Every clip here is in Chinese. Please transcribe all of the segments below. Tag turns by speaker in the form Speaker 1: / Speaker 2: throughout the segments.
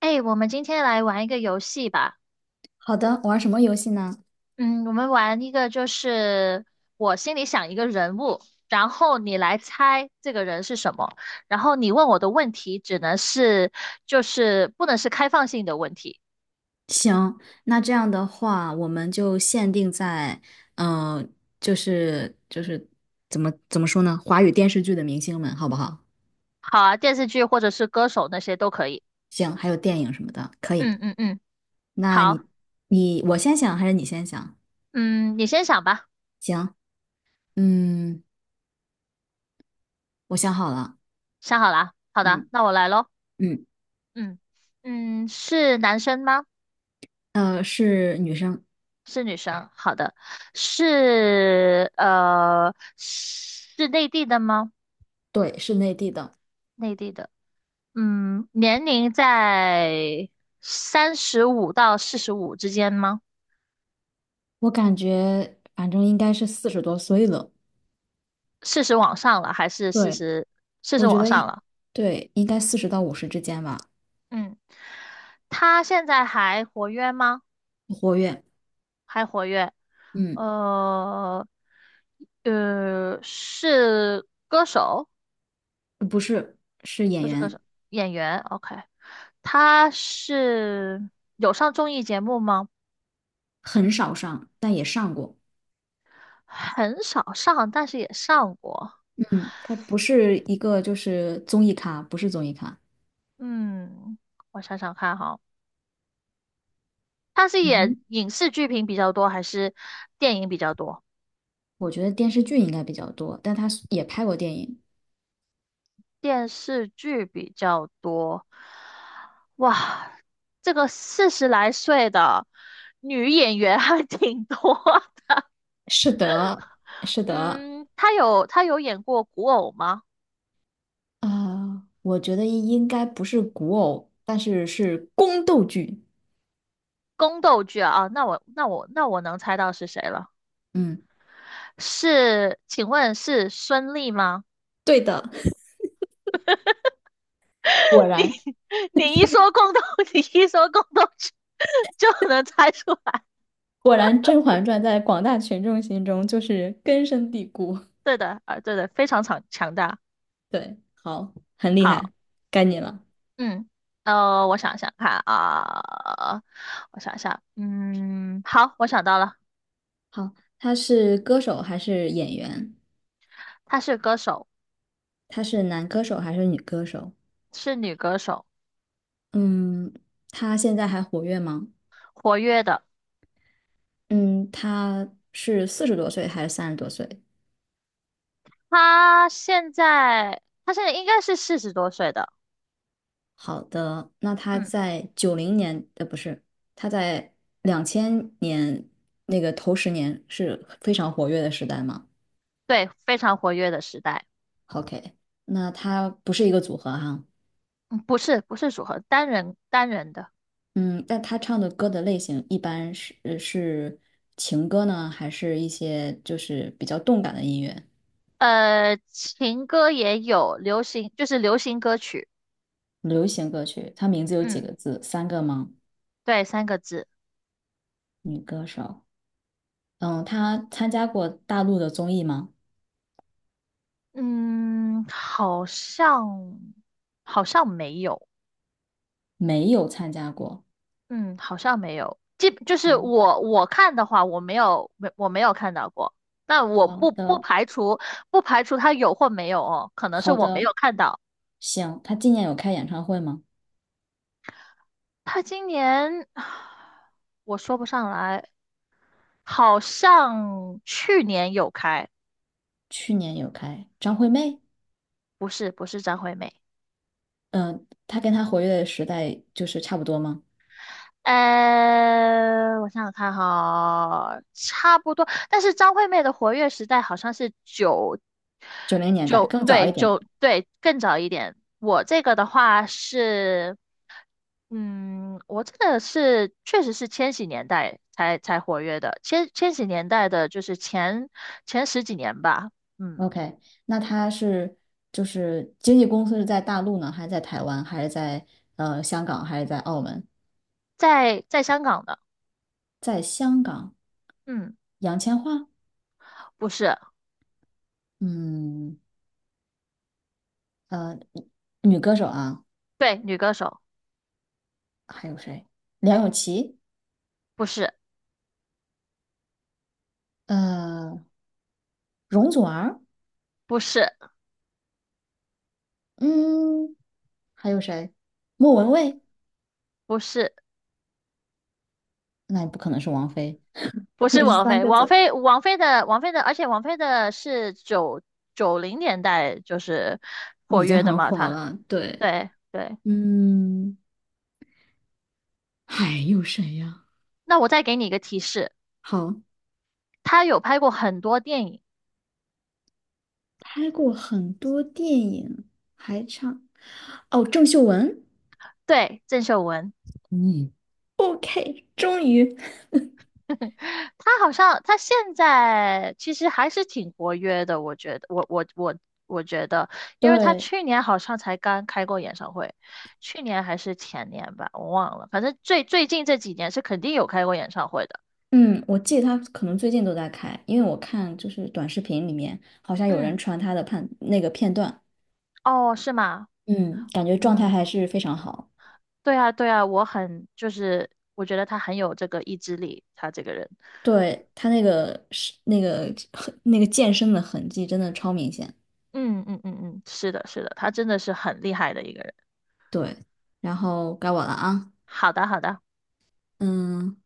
Speaker 1: 哎，我们今天来玩一个游戏吧。
Speaker 2: 好的，玩什么游戏呢？
Speaker 1: 嗯，我们玩一个我心里想一个人物，然后你来猜这个人是什么，然后你问我的问题只能是就是不能是开放性的问题。
Speaker 2: 行，那这样的话，我们就限定在，嗯、呃就是怎么说呢？华语电视剧的明星们，好不好？
Speaker 1: 好啊，电视剧或者是歌手那些都可以。
Speaker 2: 行，还有电影什么的，可以。
Speaker 1: 嗯嗯嗯，
Speaker 2: 那
Speaker 1: 好，
Speaker 2: 你我先想还是你先想？
Speaker 1: 嗯，你先想吧，
Speaker 2: 行，嗯，我想好了。
Speaker 1: 想好了啊，好的，
Speaker 2: 嗯
Speaker 1: 那我来咯。
Speaker 2: 嗯，
Speaker 1: 嗯是男生吗？
Speaker 2: 是女生。
Speaker 1: 是女生，好的，是内地的吗？
Speaker 2: 对，是内地的。
Speaker 1: 内地的，年龄在三十五到四十五之间吗？
Speaker 2: 我感觉反正应该是四十多岁了。
Speaker 1: 四十往上了还是四
Speaker 2: 对，
Speaker 1: 十？四十
Speaker 2: 我觉
Speaker 1: 往
Speaker 2: 得
Speaker 1: 上
Speaker 2: 应
Speaker 1: 了，
Speaker 2: 对应该40到50之间吧。
Speaker 1: 嗯，她现在还活跃吗？
Speaker 2: 活跃。
Speaker 1: 还活跃，
Speaker 2: 嗯，
Speaker 1: 呃是歌手。
Speaker 2: 不是，是
Speaker 1: 不
Speaker 2: 演
Speaker 1: 是歌手，
Speaker 2: 员。
Speaker 1: 演员。OK，他是有上综艺节目吗？
Speaker 2: 很少上，但也上过。
Speaker 1: 很少上，但是也上过。
Speaker 2: 嗯，他不是一个就是综艺咖，不是综艺咖。
Speaker 1: 嗯，我想想看哈，他是
Speaker 2: 嗯，
Speaker 1: 演影视剧频比较多，还是电影比较多？
Speaker 2: 我觉得电视剧应该比较多，但他也拍过电影。
Speaker 1: 电视剧比较多。哇，这个40来岁的女演员还挺多的。
Speaker 2: 是的，是的。
Speaker 1: 嗯，她有演过古偶吗？
Speaker 2: 我觉得应该不是古偶，但是是宫斗剧。
Speaker 1: 宫斗剧啊，啊，那我能猜到是谁了。
Speaker 2: 嗯，
Speaker 1: 是，请问是孙俪吗？
Speaker 2: 对的。果
Speaker 1: 你
Speaker 2: 然
Speaker 1: 你一说宫斗，你一说宫斗剧就能猜出来。
Speaker 2: 果然，《甄嬛传》在广大群众心中就是根深蒂固。
Speaker 1: 对的，啊，对的，非常强大。
Speaker 2: 对，好，很厉
Speaker 1: 好，
Speaker 2: 害，该你了。
Speaker 1: 嗯，我想想看啊，我想想，好，我想到了，
Speaker 2: 好，他是歌手还是演员？
Speaker 1: 她是歌手，
Speaker 2: 他是男歌手还是女歌手？
Speaker 1: 是女歌手，
Speaker 2: 嗯，他现在还活跃吗？
Speaker 1: 活跃的。
Speaker 2: 嗯，他是四十多岁还是30多岁？
Speaker 1: 她现在应该是40多岁的，
Speaker 2: 好的，那他
Speaker 1: 嗯，
Speaker 2: 在九零年，呃，不是，他在2000年那个头十年是非常活跃的时代吗
Speaker 1: 对，非常活跃的时代。
Speaker 2: ？OK，那他不是一个组合哈、
Speaker 1: 嗯，不是，不是组合，单人单人的。
Speaker 2: 嗯，但他唱的歌的类型一般是情歌呢，还是一些就是比较动感的音乐？
Speaker 1: 情歌也有，流行歌曲，
Speaker 2: 流行歌曲，他名字有几
Speaker 1: 嗯，
Speaker 2: 个字？三个吗？
Speaker 1: 对，三个字，
Speaker 2: 女歌手。嗯，她参加过大陆的综艺吗？
Speaker 1: 嗯，好像没有，
Speaker 2: 没有参加过。
Speaker 1: 嗯，好像没有，就是
Speaker 2: 好，
Speaker 1: 我看的话，我没有看到过，但我
Speaker 2: 好
Speaker 1: 不
Speaker 2: 的，
Speaker 1: 排除不排除他有或没有哦，可能是
Speaker 2: 好
Speaker 1: 我没
Speaker 2: 的，
Speaker 1: 有看到，
Speaker 2: 行。她今年有开演唱会吗？
Speaker 1: 他今年 我说不上来，好像去年有开，
Speaker 2: 去年有开。张惠妹，
Speaker 1: 不是，不是张惠妹。
Speaker 2: 嗯，她跟她活跃的时代就是差不多吗？
Speaker 1: 我想想看哈，差不多。但是张惠妹的活跃时代好像是九
Speaker 2: 90年代，
Speaker 1: 九，
Speaker 2: 更早
Speaker 1: 对
Speaker 2: 一点。
Speaker 1: 九对更早一点。我这个的话是，我这个是确实是千禧年代才活跃的，千禧年代的就是前十几年吧，嗯，
Speaker 2: OK，那他是就是经纪公司是在大陆呢，还是在台湾，还是在香港，还是在澳门？
Speaker 1: 在香港的，
Speaker 2: 在香港。
Speaker 1: 嗯，
Speaker 2: 杨千嬅，
Speaker 1: 不是，
Speaker 2: 嗯，呃，女歌手啊，
Speaker 1: 对，女歌手，
Speaker 2: 还有谁？梁咏琪，
Speaker 1: 不是，
Speaker 2: 呃，容祖儿，
Speaker 1: 不是，
Speaker 2: 嗯，还有谁？莫文蔚，
Speaker 1: 不是。
Speaker 2: 那也不可能是王菲，
Speaker 1: 不
Speaker 2: 因
Speaker 1: 是
Speaker 2: 为是
Speaker 1: 王
Speaker 2: 三
Speaker 1: 菲，
Speaker 2: 个
Speaker 1: 王
Speaker 2: 字，
Speaker 1: 菲，王菲的，王菲的，而且王菲的是九零年代就是活
Speaker 2: 已经
Speaker 1: 跃的
Speaker 2: 很
Speaker 1: 嘛，
Speaker 2: 火
Speaker 1: 她，
Speaker 2: 了。对，
Speaker 1: 对对。
Speaker 2: 嗯，还有谁呀？
Speaker 1: 那我再给你一个提示，
Speaker 2: 好，
Speaker 1: 她有拍过很多电影，
Speaker 2: 拍过很多电影，还唱，哦，郑秀文。
Speaker 1: 对，郑秀文，
Speaker 2: 嗯，OK，终于，
Speaker 1: 她好像她现在其实还是挺活跃的，我觉得，我觉得，因为她
Speaker 2: 对。
Speaker 1: 去年好像才刚开过演唱会，去年还是前年吧，我忘了，反正最近这几年是肯定有开过演唱会的，
Speaker 2: 嗯，我记得他可能最近都在开，因为我看就是短视频里面好像有人
Speaker 1: 嗯，
Speaker 2: 传他的判那个片段。
Speaker 1: 哦，是吗？
Speaker 2: 嗯，感觉状态
Speaker 1: 嗯。
Speaker 2: 还是非常好。
Speaker 1: 对啊，对啊，我觉得他很有这个意志力，他这个人，
Speaker 2: 对，他那个是那个 那个健身的痕迹真的超明显。
Speaker 1: 嗯嗯嗯嗯，是的，是的，他真的是很厉害的一个人。
Speaker 2: 对，然后该我了啊。
Speaker 1: 好的，好的，
Speaker 2: 嗯，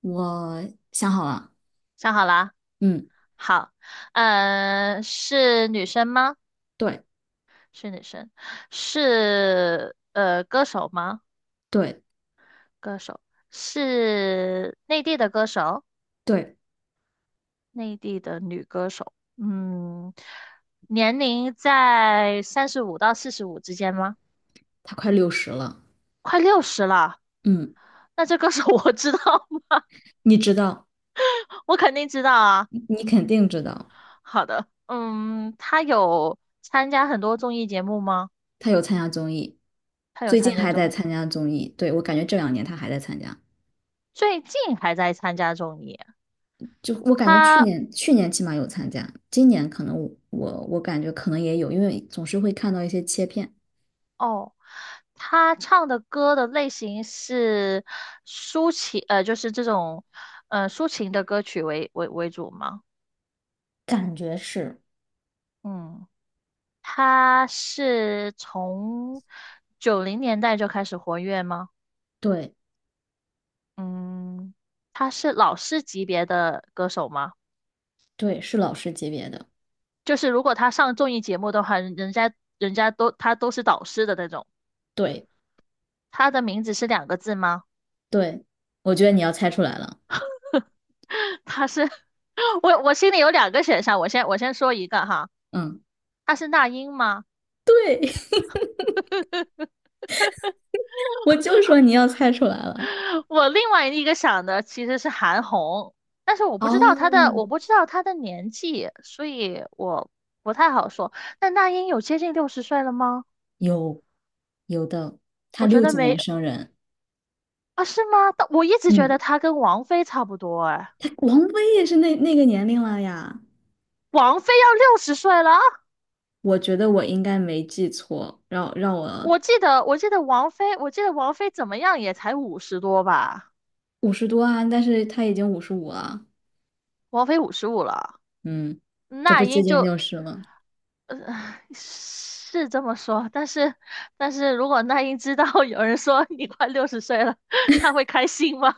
Speaker 2: 我想好了。
Speaker 1: 想好了啊，
Speaker 2: 嗯，
Speaker 1: 好，是女生吗？
Speaker 2: 对
Speaker 1: 是女生，是歌手吗？
Speaker 2: 对
Speaker 1: 歌手，是内地的歌手，
Speaker 2: 对。
Speaker 1: 内地的女歌手，年龄在三十五到四十五之间吗？
Speaker 2: 他快六十了。
Speaker 1: 快六十了，
Speaker 2: 嗯，
Speaker 1: 那这歌手 我知道。
Speaker 2: 你知道，
Speaker 1: 我肯定知道啊。
Speaker 2: 你肯定知道。
Speaker 1: 好的，他有参加很多综艺节目吗？
Speaker 2: 他有参加综艺，
Speaker 1: 他有
Speaker 2: 最
Speaker 1: 参
Speaker 2: 近
Speaker 1: 加
Speaker 2: 还
Speaker 1: 综
Speaker 2: 在
Speaker 1: 艺，
Speaker 2: 参加综艺。对，我感觉这两年他还在参加，
Speaker 1: 最近还在参加综艺啊。
Speaker 2: 就我感觉去
Speaker 1: 他
Speaker 2: 年去年起码有参加，今年可能我感觉可能也有，因为总是会看到一些切片。
Speaker 1: 哦，他唱的歌的类型是抒情，就是这种，抒情的歌曲为主吗？
Speaker 2: 感觉是，
Speaker 1: 嗯，他是从九零年代就开始活跃吗？
Speaker 2: 对
Speaker 1: 嗯，他是老师级别的歌手吗？
Speaker 2: 对，是老师级别的。
Speaker 1: 就是如果他上综艺节目的话，人家都他都是导师的那种。
Speaker 2: 对
Speaker 1: 他的名字是两个字吗？
Speaker 2: 对，我觉得你要猜出来了。
Speaker 1: 他是 我心里有两个选项，我先说一个哈，
Speaker 2: 嗯，
Speaker 1: 他是那英吗？
Speaker 2: 对，我就说你要猜出来了。
Speaker 1: 我另外一个想的其实是韩红，但是我
Speaker 2: 哦，
Speaker 1: 不知道她的年纪，所以我不太好说。那英有接近六十岁了吗？
Speaker 2: 有，有的。他
Speaker 1: 我觉
Speaker 2: 六
Speaker 1: 得
Speaker 2: 几
Speaker 1: 没
Speaker 2: 年生人。
Speaker 1: 啊，是吗？但我一直觉得
Speaker 2: 嗯，
Speaker 1: 她跟王菲差不多哎，
Speaker 2: 他王菲也是那个年龄了呀。
Speaker 1: 王菲要六十岁了啊
Speaker 2: 我觉得我应该没记错，让我
Speaker 1: 我记得王菲怎么样也才50多吧，
Speaker 2: 五十多啊，但是他已经55了。
Speaker 1: 王菲55了，
Speaker 2: 嗯，这
Speaker 1: 那
Speaker 2: 不接
Speaker 1: 英
Speaker 2: 近
Speaker 1: 就，
Speaker 2: 六十了。
Speaker 1: 呃，是这么说，但是，如果那英知道 有人说你快六十岁了，她会开心吗？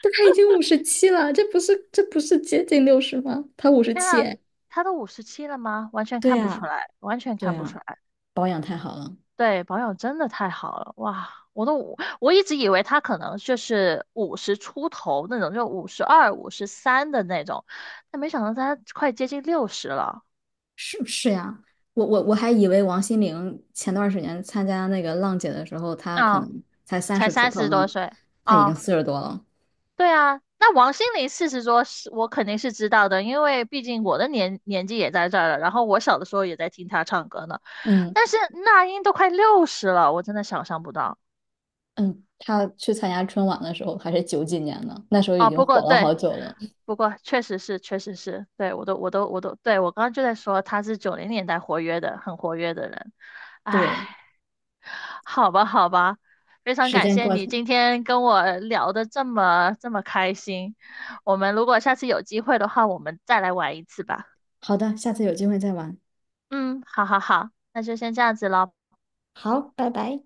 Speaker 2: 但他已经五十七了，这不是接近六十吗？他五十
Speaker 1: 天
Speaker 2: 七，
Speaker 1: 啊，
Speaker 2: 哎，
Speaker 1: 她都57了吗？完全
Speaker 2: 对
Speaker 1: 看不出
Speaker 2: 呀，
Speaker 1: 来，完全
Speaker 2: 对
Speaker 1: 看不出
Speaker 2: 呀，
Speaker 1: 来。
Speaker 2: 保养太好了。
Speaker 1: 对，保养真的太好了，哇！我一直以为他可能就是五十出头那种，就52、53的那种，但没想到他快接近六十了，
Speaker 2: 是不是呀？我还以为王心凌前段时间参加那个浪姐的时候，她可
Speaker 1: 啊，
Speaker 2: 能才三
Speaker 1: 才
Speaker 2: 十出
Speaker 1: 三
Speaker 2: 头
Speaker 1: 十
Speaker 2: 呢，
Speaker 1: 多岁
Speaker 2: 她已经
Speaker 1: 啊！
Speaker 2: 四十多了。
Speaker 1: 对啊，那王心凌四十多是，我肯定是知道的，因为毕竟我的年纪也在这儿了，然后我小的时候也在听她唱歌呢。
Speaker 2: 嗯。
Speaker 1: 但是那英都快六十了，我真的想象不到。
Speaker 2: 嗯，他去参加春晚的时候还是九几年呢，那时候已
Speaker 1: 哦，
Speaker 2: 经
Speaker 1: 不过
Speaker 2: 火了
Speaker 1: 对，
Speaker 2: 好久了。
Speaker 1: 不过确实是，确实是，对，我都，我都，我都，对，我刚刚就在说他是九零年代活跃的，很活跃的人。唉，
Speaker 2: 对，
Speaker 1: 好吧，好吧，非常
Speaker 2: 时
Speaker 1: 感
Speaker 2: 间
Speaker 1: 谢
Speaker 2: 过去。
Speaker 1: 你今天跟我聊的这么这么开心。我们如果下次有机会的话，我们再来玩一次吧。
Speaker 2: 好的，下次有机会再玩。
Speaker 1: 嗯，好好好，那就先这样子喽。
Speaker 2: 好，拜拜。